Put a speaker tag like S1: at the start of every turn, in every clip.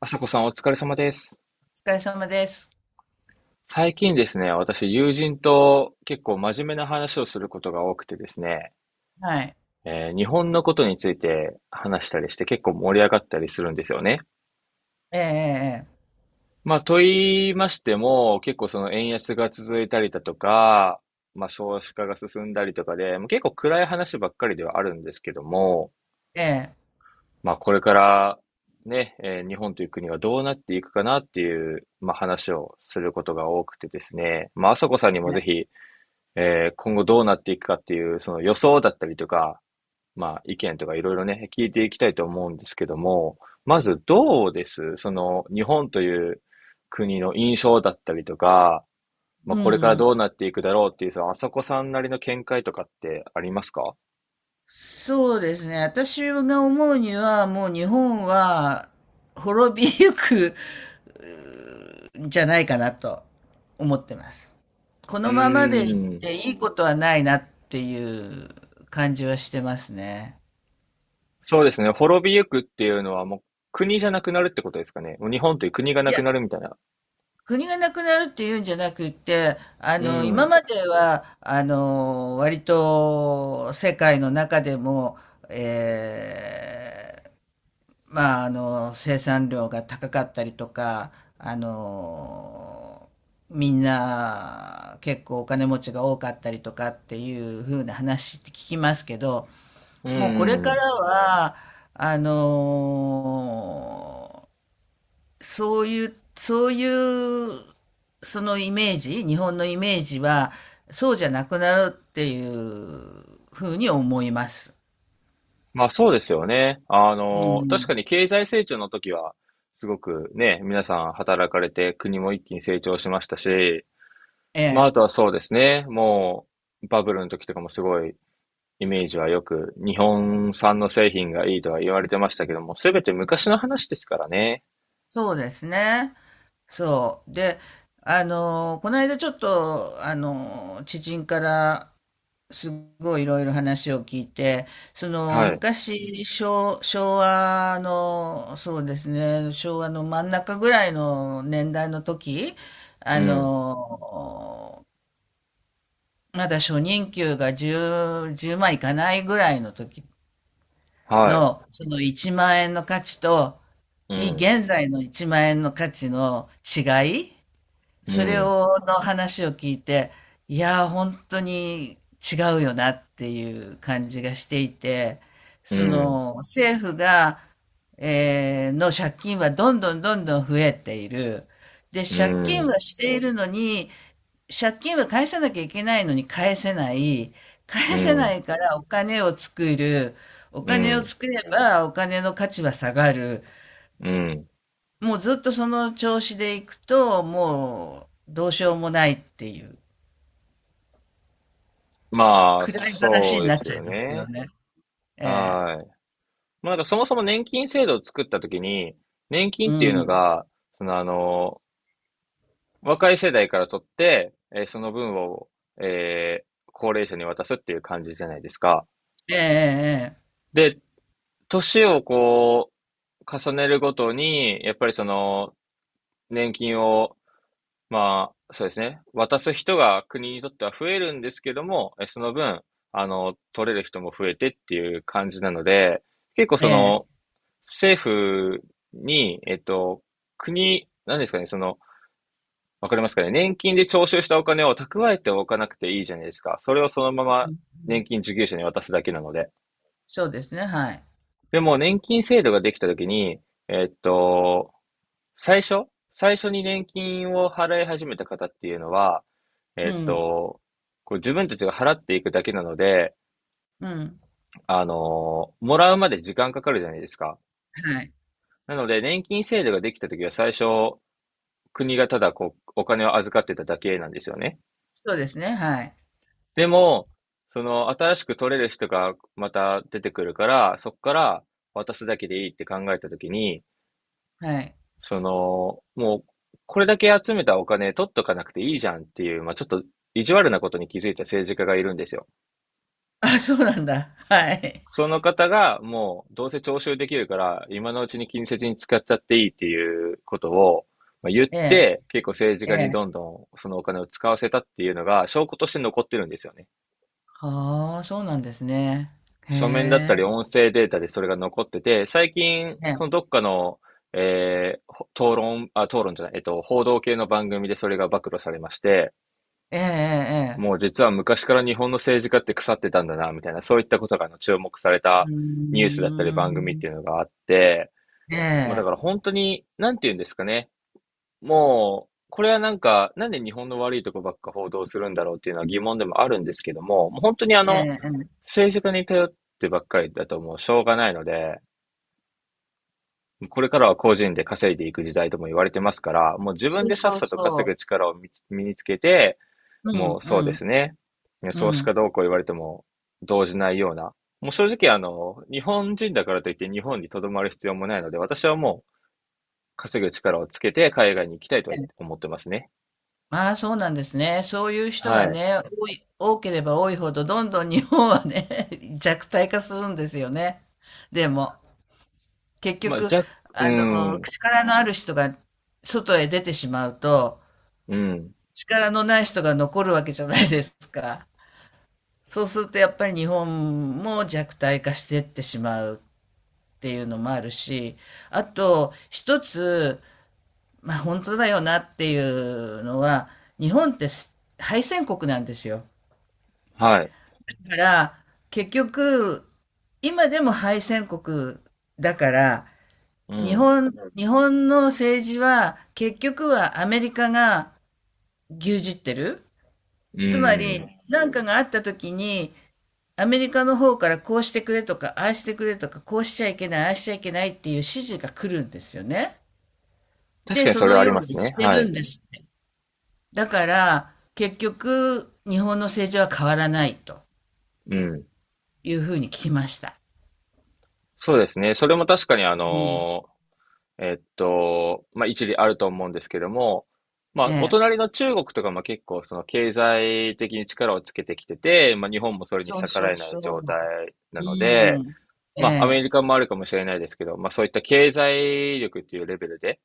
S1: 朝子さんお疲れ様です。
S2: お疲れ様です。
S1: 最近ですね、私友人と結構真面目な話をすることが多くてですね、
S2: はい。
S1: 日本のことについて話したりして結構盛り上がったりするんですよね。
S2: ええ、
S1: まあ、と言いましても、結構その円安が続いたりだとか、まあ、少子化が進んだりとかで、もう結構暗い話ばっかりではあるんですけども、
S2: ええ、ええ、
S1: まあ、これからね、日本という国がどうなっていくかなっていう、まあ、話をすることが多くてですね、まあ、朝子さんにもぜ
S2: ええ。
S1: ひ、今後どうなっていくかっていう、その予想だったりとか、まあ意見とかいろいろね、聞いていきたいと思うんですけども、まずどうですその日本という国の印象だったりとか、まあ
S2: う
S1: これから
S2: ん。
S1: どうなっていくだろうっていう、そのあさこさんなりの見解とかってありますか。
S2: そうですね。私が思うには、もう日本は滅びゆくんじゃないかなと思ってます。こ
S1: うー
S2: のままでいっ
S1: ん。
S2: ていいことはないなっていう感じはしてますね。
S1: そうですね。滅びゆくっていうのはもう国じゃなくなるってことですかね。もう日本という国が
S2: い
S1: なく
S2: や、
S1: なるみたいな。
S2: 国がなくなるっていうんじゃなくて、
S1: う
S2: 今
S1: ん。
S2: までは、割と世界の中でも、えまあ、生産量が高かったりとか、あの、みんな結構お金持ちが多かったりとかっていう風な話って聞きますけど、
S1: う
S2: もうこれ
S1: ん、う
S2: か
S1: ん。
S2: らは、あの、そういう、そのイメージ、日本のイメージは、そうじゃなくなるっていう風に思います。
S1: まあそうですよね。あ
S2: う
S1: の、確か
S2: ん。
S1: に経済成長の時は、すごくね、皆さん働かれて国も一気に成長しましたし、
S2: え
S1: まあ
S2: え。
S1: あとはそうですね、もうバブルの時とかもすごいイメージはよく日本産の製品がいいとは言われてましたけども、すべて昔の話ですからね。
S2: そうですね。そう。で、この間ちょっと、知人からすごいいろいろ話を聞いて、その
S1: はい。
S2: 昔、昭和の、そうですね、昭和の真ん中ぐらいの年代の時、
S1: う
S2: あ
S1: ん。
S2: のーまだ初任給が10万いかないぐらいの時
S1: はい。
S2: の、その1万円の価値と、
S1: うん。
S2: 現在の1万円の価値の違い
S1: う
S2: それ
S1: ん。
S2: を、の話を聞いて、いやー、本当に違うよなっていう感じがしていて、
S1: う
S2: そ
S1: ん。
S2: の、政府が、えーの借金はどんどんどんどん増えている。で、
S1: う
S2: 借金は
S1: ん。
S2: しているのに、借金は返さなきゃいけないのに返せない。
S1: う
S2: 返せな
S1: ん。
S2: いからお金を作る。お
S1: う
S2: 金を
S1: ん。
S2: 作ればお金の価値は下がる。
S1: うん。
S2: もうずっとその調子でいくと、もうどうしようもないっていう。
S1: まあ、
S2: 暗い
S1: そ
S2: 話に
S1: う
S2: な
S1: で
S2: っ
S1: す
S2: ちゃ
S1: よ
S2: いますけど
S1: ね。
S2: ね。ええ。
S1: はい。まあ、なんかそもそも年金制度を作ったときに、年金
S2: う
S1: っていうの
S2: ん。
S1: が、そのあの、若い世代から取って、その分を、えー高齢者に渡すっていう感じじゃないですか。
S2: えええ
S1: で、年をこう、重ねるごとに、やっぱりその、年金を、まあ、そうですね、渡す人が国にとっては増えるんですけども、えその分、あの、取れる人も増えてっていう感じなので、結構
S2: ええ
S1: そ
S2: え。え
S1: の、
S2: え。
S1: 政府に、国、何ですかね、その、わかりますかね、年金で徴収したお金を蓄えておかなくていいじゃないですか。それをそのまま年金受給者に渡すだけなので。
S2: そうですね、はい。
S1: でも、年金制度ができたときに、えっと、最初、最初に年金を払い始めた方っていうのは、え
S2: う
S1: っ
S2: ん。
S1: と、こう自分たちが払っていくだけなので、
S2: うん。
S1: あの、もらうまで時間かかるじゃないですか。
S2: はい。
S1: なので、年金制度ができたときは最初、国がただこう、お金を預かってただけなんですよね。
S2: そうですね、はい。
S1: でも、その、新しく取れる人がまた出てくるから、そこから渡すだけでいいって考えたときに、
S2: はい。
S1: その、もう、これだけ集めたお金取っとかなくていいじゃんっていう、まあ、ちょっと意地悪なことに気づいた政治家がいるんですよ。
S2: あ、そうなんだ。はい。
S1: その方がもうどうせ徴収できるから今のうちに近接に使っちゃっていいっていうことを言っ
S2: ええ、
S1: て結構政治
S2: え
S1: 家にどん
S2: え。
S1: どんそのお金を使わせたっていうのが証拠として残ってるんですよね。
S2: はあ、そうなんですね。へ
S1: 書面だっ
S2: え。
S1: たり音声データでそれが残ってて、最近、
S2: ええ。
S1: そのどっかの、えー討論、あ、討論じゃない、報道系の番組でそれが暴露されまして、
S2: ええええええ。
S1: もう実は昔から日本の政治家って腐ってたんだな、みたいな、そういったことがあの注目され
S2: う
S1: た
S2: ー
S1: ニュースだったり番組っ
S2: ん。
S1: ていうのがあって、
S2: え
S1: まあだ
S2: え。
S1: から本当に、なんて言うんですかね。もう、これはなんか、なんで日本の悪いとこばっか報道するんだろうっていうのは疑問でもあるんですけども、もう本当にあ
S2: ええ
S1: の、
S2: ええ。
S1: 政治家に頼ってばっかりだともうしょうがないので、これからは個人で稼いでいく時代とも言われてますから、もう自分
S2: そう
S1: でさっ
S2: そう
S1: さと
S2: そ
S1: 稼ぐ
S2: う。
S1: 力を身につけて、
S2: う
S1: も
S2: ん
S1: う
S2: う
S1: そうで
S2: ん。
S1: すね、
S2: う
S1: 少子化
S2: ん。
S1: どうこう言われても動じないような、もう正直あの、日本人だからといって日本に留まる必要もないので、私はもう稼ぐ力をつけて海外に行きたいとは思ってますね。
S2: ああ、そうなんですね。そういう人
S1: は
S2: が
S1: い。
S2: ね、多ければ多いほど、どんどん日本はね、弱体化するんですよね。でも、結
S1: まあ、
S2: 局、
S1: じゃ、うん、
S2: 力のある人が外へ出てしまうと、
S1: うん、
S2: 力のない人が残るわけじゃないですか。そうすると、やっぱり日本も弱体化してってしまうっていうのもあるし、あと、一つ、まあ、本当だよなっていうのは、日本って敗戦国なんですよ。
S1: はい、
S2: だから、結局、今でも敗戦国だから、
S1: うん、
S2: 日本の政治は結局はアメリカが牛耳ってる。
S1: う
S2: つまり、
S1: ん。
S2: 何かがあった時に、アメリカの方からこうしてくれとか、ああしてくれとか、こうしちゃいけない、ああしちゃいけないっていう指示が来るんですよね。
S1: 確
S2: で、
S1: かに
S2: そ
S1: それ
S2: の
S1: はあり
S2: よう
S1: ます
S2: にし
S1: ね。
S2: て
S1: は
S2: るん
S1: い、
S2: ですって。だから、結局、日本の政治は変わらないと
S1: うん。
S2: いうふうに聞きました。
S1: そうですね。それも確かにあ
S2: うん。
S1: の、まあ、一理あると思うんですけども、ま
S2: え
S1: あ、お隣
S2: え。
S1: の中国とかも結構その経済的に力をつけてきてて、まあ、日本もそれに
S2: そう
S1: 逆
S2: そ
S1: ら
S2: う
S1: えな
S2: そ
S1: い
S2: う。
S1: 状態な
S2: う
S1: の
S2: ー
S1: で、
S2: ん。え
S1: まあ、アメ
S2: え、
S1: リカもあるかもしれないですけど、まあ、そういった経済力っていうレベルで、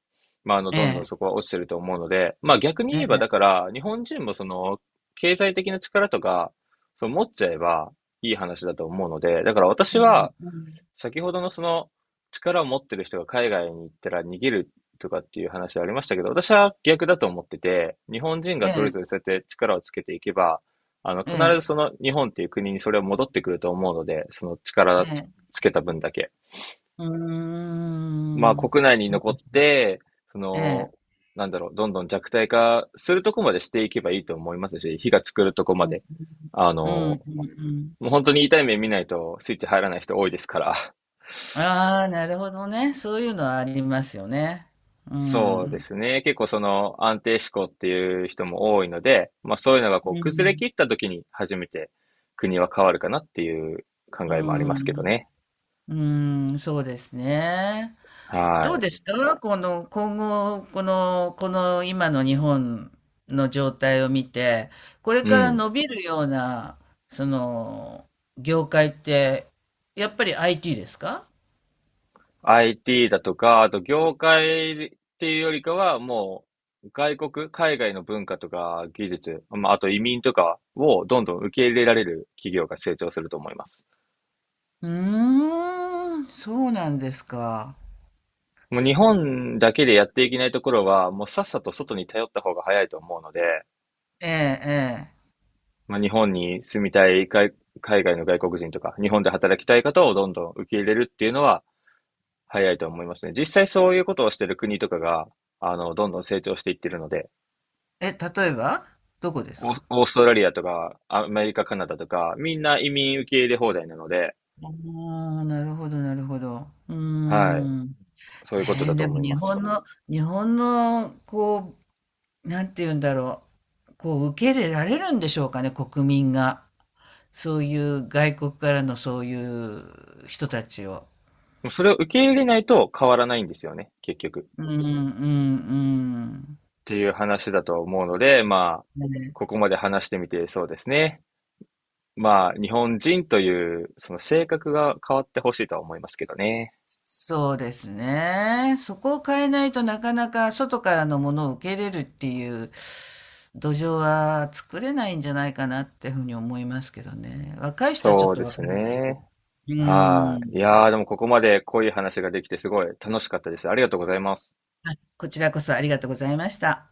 S1: まあ、あの、
S2: え
S1: どんどんそ
S2: え、
S1: こは落ちてると思うので、まあ、逆に
S2: え
S1: 言えば、だ
S2: え。
S1: から、日本人もその、経済的な力とか、その持っちゃえばいい話だと思うので、だから
S2: う
S1: 私
S2: ん
S1: は、
S2: うん。
S1: 先ほどのその力を持ってる人が海外に行ったら逃げるとかっていう話ありましたけど、私は逆だと思ってて、日本人
S2: え
S1: がそれ
S2: え、
S1: ぞれそうやって力をつけていけば、あの、
S2: え
S1: 必
S2: え、
S1: ずその日本っていう国にそれは戻ってくると思うので、その
S2: え
S1: 力つ、
S2: え。
S1: つけた分だけ。
S2: うー
S1: まあ
S2: ん。
S1: 国内に
S2: そう
S1: 残
S2: か
S1: っ
S2: そうか。
S1: て、そ
S2: ええ。
S1: の、なんだろう、どんどん弱体化するとこまでしていけばいいと思いますし、火が作るとこま
S2: うん
S1: で。あの、
S2: うん。うん
S1: も
S2: うんうんうん。
S1: う本当に痛い目見ないとスイッチ入らない人多いですから。
S2: ああ、なるほどね。そういうのはありますよね。う
S1: そう
S2: ん。
S1: で
S2: う
S1: すね。結構その安定志向っていう人も多いので、まあそういうのがこう崩れ
S2: ん。
S1: 切った時に初めて国は変わるかなっていう考
S2: う
S1: えもありますけど
S2: ん。
S1: ね。
S2: うん、そうですね。
S1: は
S2: どう
S1: い。
S2: ですかこの、今後、この今の日本の状態を見て、これ
S1: う
S2: から
S1: ん。
S2: 伸びるような、その、業界って、やっぱり IT ですか？
S1: IT だとか、あと業界っていうよりかはもう外国、海外の文化とか技術、まああと移民とかをどんどん受け入れられる企業が成長すると思います。
S2: うーん、そうなんですか。
S1: もう日本だけでやっていけないところはもうさっさと外に頼った方が早いと思うので、
S2: ええ、え
S1: まあ、日本に住みたい海、海外の外国人とか、日本で働きたい方をどんどん受け入れるっていうのは早いと思いますね。実際そういうことをしてる国とかが、あの、どんどん成長していってるので、
S2: え。え、例えばどこです
S1: オー
S2: か？
S1: オーストラリアとか、アメリカ、カナダとか、みんな移民受け入れ放題なので、
S2: ああ、なるほど、なるほど。うー
S1: はい、
S2: ん。
S1: そういうこと
S2: ねえ、
S1: だと
S2: で
S1: 思
S2: も
S1: い
S2: 日
S1: ます。
S2: 本の、日本の、こなんて言うんだろう、こう受け入れられるんでしょうかね、国民が。そういう外国からのそういう人たちを。
S1: でもそれを受け入れないと変わらないんですよね、結局。
S2: うんうん
S1: っていう話だと思うので、まあ、
S2: うん。ね、
S1: ここまで話してみてそうですね。まあ、日本人という、その性格が変わってほしいとは思いますけどね。
S2: そうですね。そこを変えないとなかなか外からのものを受け入れるっていう土壌は作れないんじゃないかなっていうふうに思いますけどね。若い人はちょっ
S1: そう
S2: と
S1: で
S2: わ
S1: す
S2: からないけ
S1: ね。
S2: ど。う
S1: は
S2: ん。
S1: い。いやー、でもここまで濃い話ができてすごい楽しかったです。ありがとうございます。
S2: あ、こちらこそありがとうございました。